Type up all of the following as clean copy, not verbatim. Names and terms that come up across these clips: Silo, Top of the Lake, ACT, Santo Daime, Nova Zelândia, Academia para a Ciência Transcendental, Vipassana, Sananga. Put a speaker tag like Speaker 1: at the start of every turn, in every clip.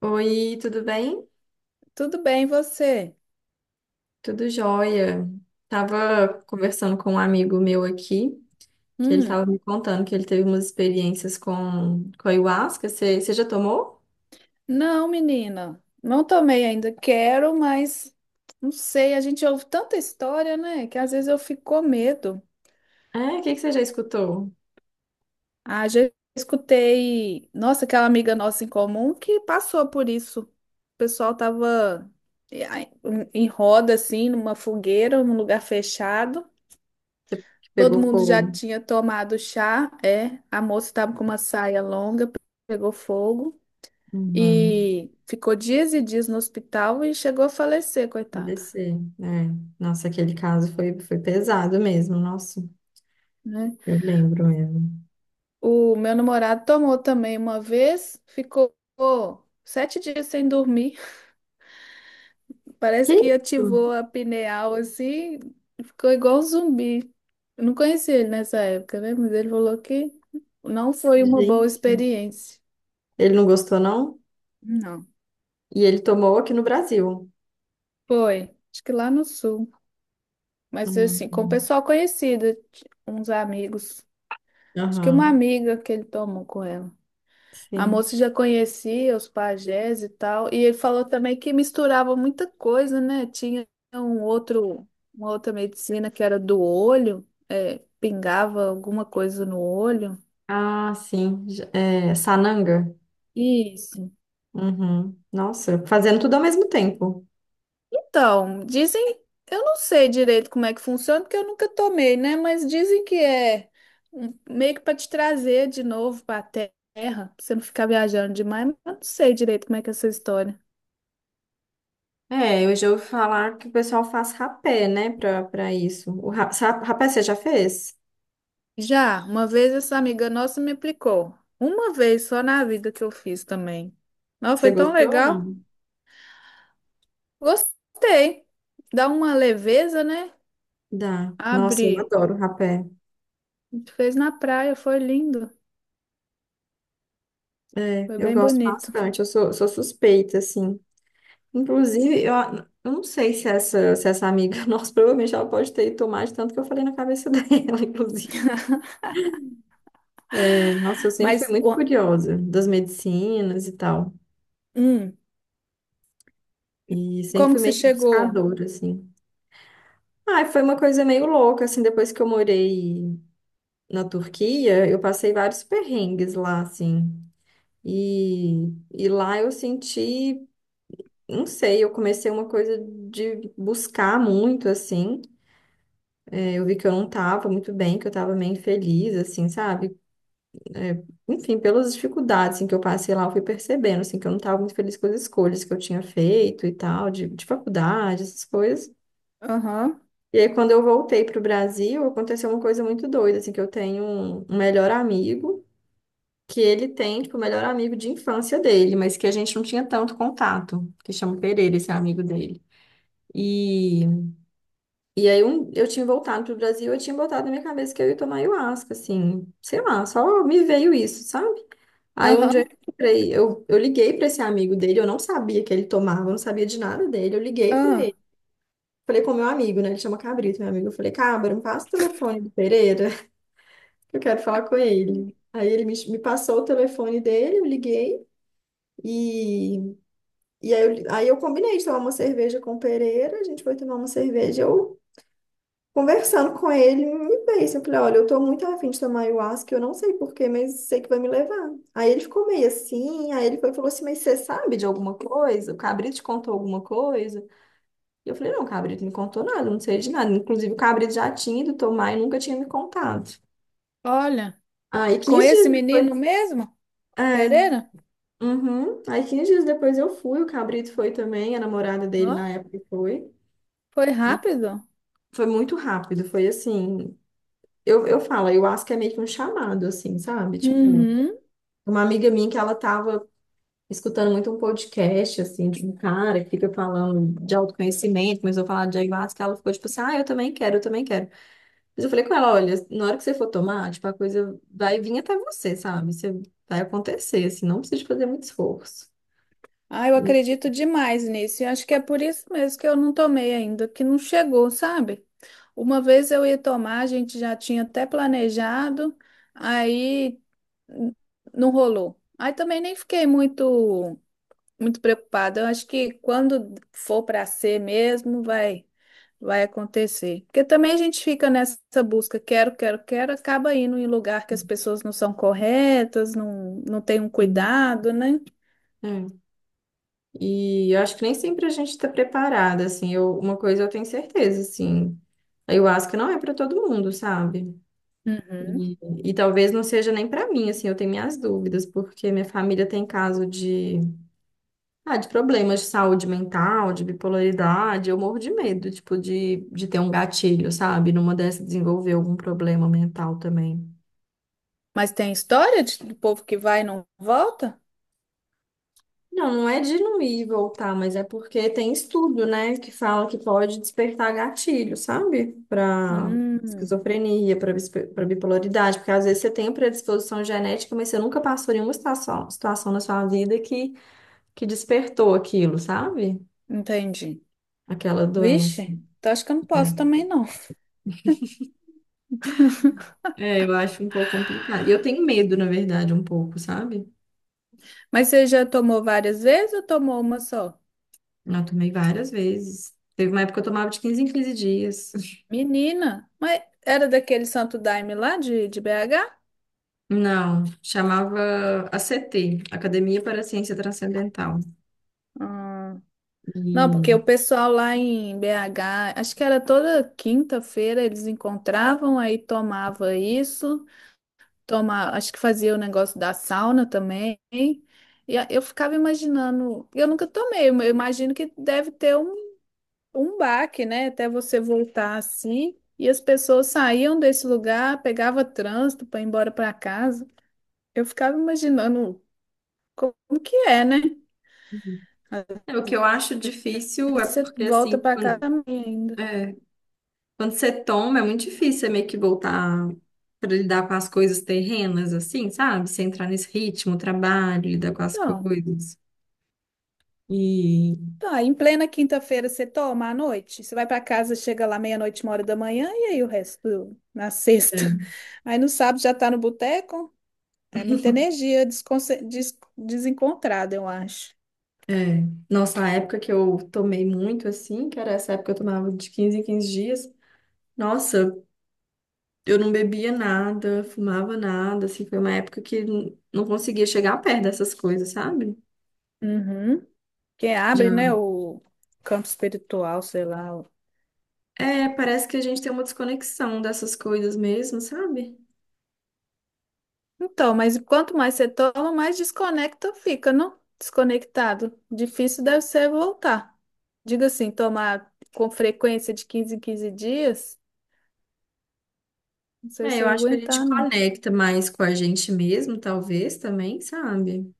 Speaker 1: Oi, tudo bem?
Speaker 2: Tudo bem, você?
Speaker 1: Tudo jóia. Tava conversando com um amigo meu aqui, que ele
Speaker 2: Hum,
Speaker 1: tava me contando que ele teve umas experiências com ayahuasca. Você já tomou?
Speaker 2: não, menina, não tomei ainda. Quero, mas não sei. A gente ouve tanta história, né? Que às vezes eu fico com medo.
Speaker 1: É, o que que você já escutou?
Speaker 2: Ah, já escutei, nossa, aquela amiga nossa em comum que passou por isso. O pessoal tava eh, em roda, assim, numa fogueira, num lugar fechado.
Speaker 1: Que
Speaker 2: Todo
Speaker 1: pegou
Speaker 2: mundo já
Speaker 1: fogo.
Speaker 2: tinha tomado chá. É, a moça estava com uma saia longa, pegou fogo.
Speaker 1: Uhum.
Speaker 2: E ficou dias e dias no hospital e chegou a falecer, coitado,
Speaker 1: ADC. É. Nossa, aquele caso foi pesado mesmo. Nossa,
Speaker 2: né?
Speaker 1: eu lembro mesmo.
Speaker 2: O meu namorado tomou também uma vez, ficou 7 dias sem dormir.
Speaker 1: Que
Speaker 2: Parece que
Speaker 1: isso?
Speaker 2: ativou a pineal assim, ficou igual um zumbi. Eu não conheci ele nessa época, né? Mas ele falou que não foi uma boa
Speaker 1: Gente.
Speaker 2: experiência.
Speaker 1: Ele não gostou, não?
Speaker 2: Não.
Speaker 1: E ele tomou aqui no Brasil.
Speaker 2: Foi, acho que lá no sul. Mas
Speaker 1: Uhum.
Speaker 2: assim, com o pessoal conhecido, uns amigos. Acho que uma
Speaker 1: Aham.
Speaker 2: amiga que ele tomou com ela. A
Speaker 1: Sim.
Speaker 2: moça já conhecia os pajés e tal, e ele falou também que misturava muita coisa, né? Tinha um outro, uma outra medicina que era do olho, é, pingava alguma coisa no olho.
Speaker 1: Ah, sim. É, Sananga.
Speaker 2: Isso.
Speaker 1: Uhum. Nossa, fazendo tudo ao mesmo tempo.
Speaker 2: Então, dizem, eu não sei direito como é que funciona, porque eu nunca tomei, né? Mas dizem que é meio que para te trazer de novo para a terra, pra você não ficar viajando demais, mas eu não sei direito como é que é essa história.
Speaker 1: É, eu já ouvi falar que o pessoal faz rapé, né, pra isso. O rapé você já fez?
Speaker 2: Já, uma vez essa amiga nossa me aplicou. Uma vez só na vida que eu fiz também. Não,
Speaker 1: Você
Speaker 2: foi tão
Speaker 1: gostou ou
Speaker 2: legal.
Speaker 1: não?
Speaker 2: Gostei. Dá uma leveza, né?
Speaker 1: Dá. Nossa, eu
Speaker 2: Abre.
Speaker 1: adoro rapé.
Speaker 2: A gente fez na praia, foi lindo.
Speaker 1: É,
Speaker 2: Foi
Speaker 1: eu
Speaker 2: bem
Speaker 1: gosto
Speaker 2: bonito.
Speaker 1: bastante. Eu sou suspeita, assim. Inclusive, eu não sei se essa amiga, nossa, provavelmente ela pode ter ido tomar de tanto que eu falei na cabeça dela, inclusive. É, nossa, eu sempre fui
Speaker 2: Mas,
Speaker 1: muito
Speaker 2: ó,
Speaker 1: curiosa das medicinas e tal.
Speaker 2: hum,
Speaker 1: E sempre
Speaker 2: como
Speaker 1: fui
Speaker 2: que você
Speaker 1: meio que
Speaker 2: chegou?
Speaker 1: buscadora, assim. Ah, foi uma coisa meio louca, assim, depois que eu morei na Turquia, eu passei vários perrengues lá, assim. E lá eu senti, não sei, eu comecei uma coisa de buscar muito, assim. É, eu vi que eu não tava muito bem, que eu tava meio infeliz, assim, sabe? É, enfim, pelas dificuldades, assim, que eu passei lá, eu fui percebendo, assim, que eu não tava muito feliz com as escolhas que eu tinha feito e tal, de faculdade, essas coisas.
Speaker 2: Aham,
Speaker 1: E aí, quando eu voltei pro Brasil, aconteceu uma coisa muito doida, assim, que eu tenho um melhor amigo, que ele tem, tipo, o melhor amigo de infância dele, mas que a gente não tinha tanto contato, que chama Pereira, esse amigo dele. E, e aí, eu tinha voltado pro Brasil, eu tinha botado na minha cabeça que eu ia tomar ayahuasca, assim, sei lá, só me veio isso, sabe? Aí, um dia eu
Speaker 2: aham,
Speaker 1: encontrei, eu liguei para esse amigo dele, eu não sabia que ele tomava, eu não sabia de nada dele, eu liguei para
Speaker 2: ah.
Speaker 1: ele. Falei com o meu amigo, né? Ele chama Cabrito, meu amigo. Eu falei, Cabra, me passa o telefone do Pereira. Eu quero falar com ele. Aí ele me passou o telefone dele, eu liguei e, e aí, aí eu combinei de tomar uma cerveja com o Pereira, a gente foi tomar uma cerveja. Eu conversando com ele, me fez. Eu falei, olha, eu tô muito afim de tomar ayahuasca, eu não sei porquê, mas sei que vai me levar. Aí ele ficou meio assim, aí ele foi, e falou assim, mas você sabe de alguma coisa? O Cabrito te contou alguma coisa? E eu falei, não, o Cabrito não me contou nada, não sei de nada. Inclusive o Cabrito já tinha ido tomar e nunca tinha me contado.
Speaker 2: Olha,
Speaker 1: Aí
Speaker 2: com
Speaker 1: 15 dias
Speaker 2: esse menino
Speaker 1: depois.
Speaker 2: mesmo?
Speaker 1: É.
Speaker 2: Pereira?
Speaker 1: Uhum. Aí 15 dias depois eu fui, o Cabrito foi também, a namorada dele na
Speaker 2: Não,
Speaker 1: época foi.
Speaker 2: foi
Speaker 1: E
Speaker 2: rápido.
Speaker 1: foi muito rápido, foi assim. Eu falo, eu acho que é meio que um chamado, assim, sabe? Tipo,
Speaker 2: Uhum.
Speaker 1: uma amiga minha que ela tava escutando muito um podcast, assim, de um cara que fica falando de autoconhecimento, começou a falar de ayahuasca, ela ficou tipo assim, ah, eu também quero, eu também quero. Mas eu falei com ela, olha, na hora que você for tomar, tipo, a coisa vai vir até você, sabe? Você vai acontecer, assim, não precisa de fazer muito esforço.
Speaker 2: Ah, eu
Speaker 1: E,
Speaker 2: acredito demais nisso. E acho que é por isso mesmo que eu não tomei ainda, que não chegou, sabe? Uma vez eu ia tomar, a gente já tinha até planejado, aí n- não rolou. Aí também nem fiquei muito muito preocupada. Eu acho que quando for para ser mesmo, vai acontecer. Porque também a gente fica nessa busca, quero, quero, quero, acaba indo em lugar que as pessoas não são corretas, não, não tem um
Speaker 1: e-
Speaker 2: cuidado, né?
Speaker 1: é. E eu acho que nem sempre a gente está preparada, assim. Uma coisa eu tenho certeza, assim. A Ayahuasca não é para todo mundo, sabe?
Speaker 2: Uhum.
Speaker 1: E, e talvez não seja nem para mim, assim. Eu tenho minhas dúvidas, porque minha família tem caso de, ah, de problemas de saúde mental, de bipolaridade. Eu morro de medo, tipo, de ter um gatilho, sabe? Numa dessas desenvolver algum problema mental também.
Speaker 2: Mas tem história de, do povo que vai e não volta?
Speaker 1: Não, não é de não ir e voltar, mas é porque tem estudo, né, que fala que pode despertar gatilho, sabe? Para
Speaker 2: Hum,
Speaker 1: esquizofrenia, para bipolaridade, porque às vezes você tem a predisposição genética, mas você nunca passou nenhuma situação na sua vida que, despertou aquilo, sabe?
Speaker 2: entendi.
Speaker 1: Aquela doença.
Speaker 2: Vixe, então acho que eu não
Speaker 1: É,
Speaker 2: posso também não.
Speaker 1: É, eu acho um pouco complicado. E eu tenho medo, na verdade, um pouco, sabe?
Speaker 2: Mas você já tomou várias vezes ou tomou uma só?
Speaker 1: Eu tomei várias vezes. Teve uma época que eu tomava de 15 em 15 dias.
Speaker 2: Menina, mas era daquele Santo Daime lá de BH?
Speaker 1: Não, chamava ACT, Academia para a Ciência Transcendental.
Speaker 2: Hum. Não, porque
Speaker 1: E
Speaker 2: o pessoal lá em BH, acho que era toda quinta-feira eles encontravam, aí tomava isso. Tomar, acho que fazia o negócio da sauna também. Eu ficava imaginando, eu nunca tomei, eu imagino que deve ter um baque, né? Até você voltar assim. E as pessoas saíam desse lugar, pegava trânsito para ir embora para casa. Eu ficava imaginando como que é, né?
Speaker 1: Uhum. É, o que eu acho difícil é
Speaker 2: Você
Speaker 1: porque, assim,
Speaker 2: volta para casa também ainda.
Speaker 1: é, quando você toma, é muito difícil você meio que voltar para lidar com as coisas terrenas, assim, sabe? Você entrar nesse ritmo, trabalho, lidar com as
Speaker 2: Não.
Speaker 1: coisas. E
Speaker 2: Tá, em plena quinta-feira você toma à noite? Você vai para casa, chega lá meia-noite, 1 hora da manhã, e aí o resto na sexta.
Speaker 1: é,
Speaker 2: Aí no sábado já tá no boteco? É muita energia desencontrada, eu acho.
Speaker 1: é. Nossa, a época que eu tomei muito, assim, que era essa época que eu tomava de 15 em 15 dias, nossa. Eu não bebia nada, fumava nada, assim, foi uma época que não conseguia chegar perto dessas coisas, sabe?
Speaker 2: Uhum. Que
Speaker 1: Já.
Speaker 2: abre, né, o campo espiritual, sei lá.
Speaker 1: É, parece que a gente tem uma desconexão dessas coisas mesmo, sabe?
Speaker 2: Então, mas quanto mais você toma, mais desconecta fica, não? Desconectado. Difícil deve ser voltar. Diga assim, tomar com frequência de 15 em 15 dias, não sei
Speaker 1: É,
Speaker 2: se
Speaker 1: eu
Speaker 2: eu ia
Speaker 1: acho que a gente
Speaker 2: aguentar, não.
Speaker 1: conecta mais com a gente mesmo, talvez também, sabe?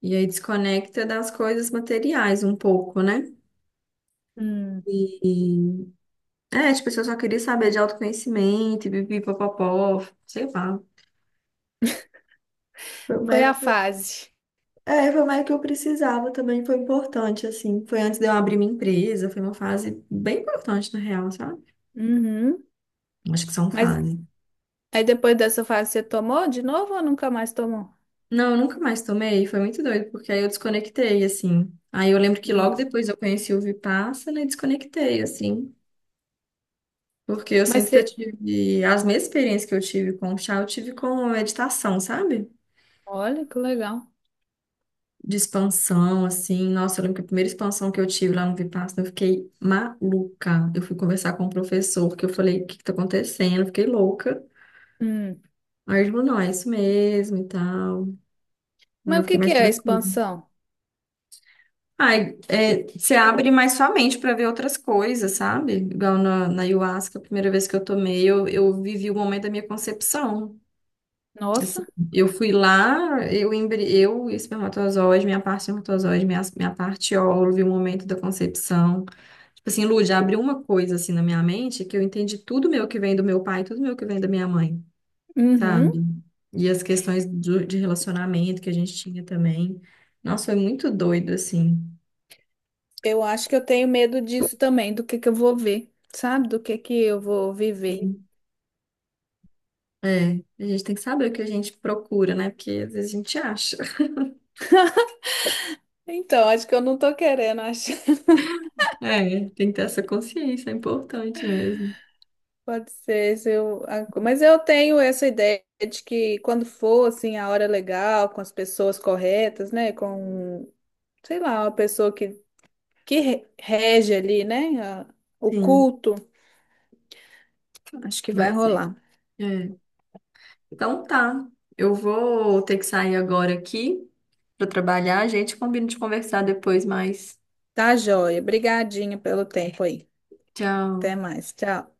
Speaker 1: E aí desconecta das coisas materiais um pouco, né?
Speaker 2: Hum,
Speaker 1: E, tipo, se eu só queria saber de autoconhecimento, e pipipopopó, sei lá. Foi uma
Speaker 2: foi a
Speaker 1: época.
Speaker 2: fase.
Speaker 1: É, foi mais que eu precisava também, foi importante, assim. Foi antes de eu abrir minha empresa, foi uma fase bem importante, na real, sabe?
Speaker 2: Uhum.
Speaker 1: Acho que são
Speaker 2: Mas
Speaker 1: fases.
Speaker 2: aí depois dessa fase você tomou de novo ou nunca mais tomou?
Speaker 1: Não, eu nunca mais tomei, foi muito doido, porque aí eu desconectei, assim. Aí eu lembro que logo
Speaker 2: Hum.
Speaker 1: depois eu conheci o Vipassana e desconectei, assim. Porque eu
Speaker 2: Mas
Speaker 1: sinto que eu
Speaker 2: você.
Speaker 1: tive as mesmas experiências que eu tive com o chá, eu tive com a meditação, sabe?
Speaker 2: Olha que legal.
Speaker 1: De expansão, assim. Nossa, eu lembro que a primeira expansão que eu tive lá no Vipassana, eu fiquei maluca. Eu fui conversar com o professor, que eu falei, o que que tá acontecendo? Eu fiquei louca.
Speaker 2: Hum.
Speaker 1: Aí ele falou, não, é isso mesmo e tal. Aí
Speaker 2: Mas
Speaker 1: eu
Speaker 2: o que
Speaker 1: fiquei
Speaker 2: que
Speaker 1: mais
Speaker 2: é a
Speaker 1: tranquila.
Speaker 2: expansão?
Speaker 1: Ai, é, você abre mais sua mente para ver outras coisas, sabe? Igual na ayahuasca, a primeira vez que eu tomei, eu vivi o momento da minha concepção. Assim,
Speaker 2: Nossa.
Speaker 1: eu fui lá, eu e o espermatozoide, minha parte espermatozoide, minha parte óvulo, e o momento da concepção. Tipo assim, Lu, já abriu uma coisa assim na minha mente que eu entendi tudo meu que vem do meu pai, tudo meu que vem da minha mãe,
Speaker 2: Uhum.
Speaker 1: sabe? E as questões de relacionamento que a gente tinha também. Nossa, foi muito doido, assim.
Speaker 2: Eu acho que eu tenho medo disso também, do que eu vou ver, sabe? Do que eu vou viver.
Speaker 1: Sim. É, a gente tem que saber o que a gente procura, né? Porque às vezes a gente acha.
Speaker 2: Então, acho que eu não tô querendo achar.
Speaker 1: É, tem que ter essa consciência, é importante mesmo.
Speaker 2: Pode ser, se eu... mas eu tenho essa ideia de que quando for assim a hora legal, com as pessoas corretas, né, com sei lá, uma pessoa que, rege ali, né? O
Speaker 1: Sim,
Speaker 2: culto, acho que vai
Speaker 1: vai ser.
Speaker 2: rolar.
Speaker 1: É. Então tá. Eu vou ter que sair agora aqui para trabalhar. A gente combina de conversar depois mais.
Speaker 2: Tá, joia. Brigadinho pelo tempo aí. Até
Speaker 1: Tchau.
Speaker 2: mais. Tchau.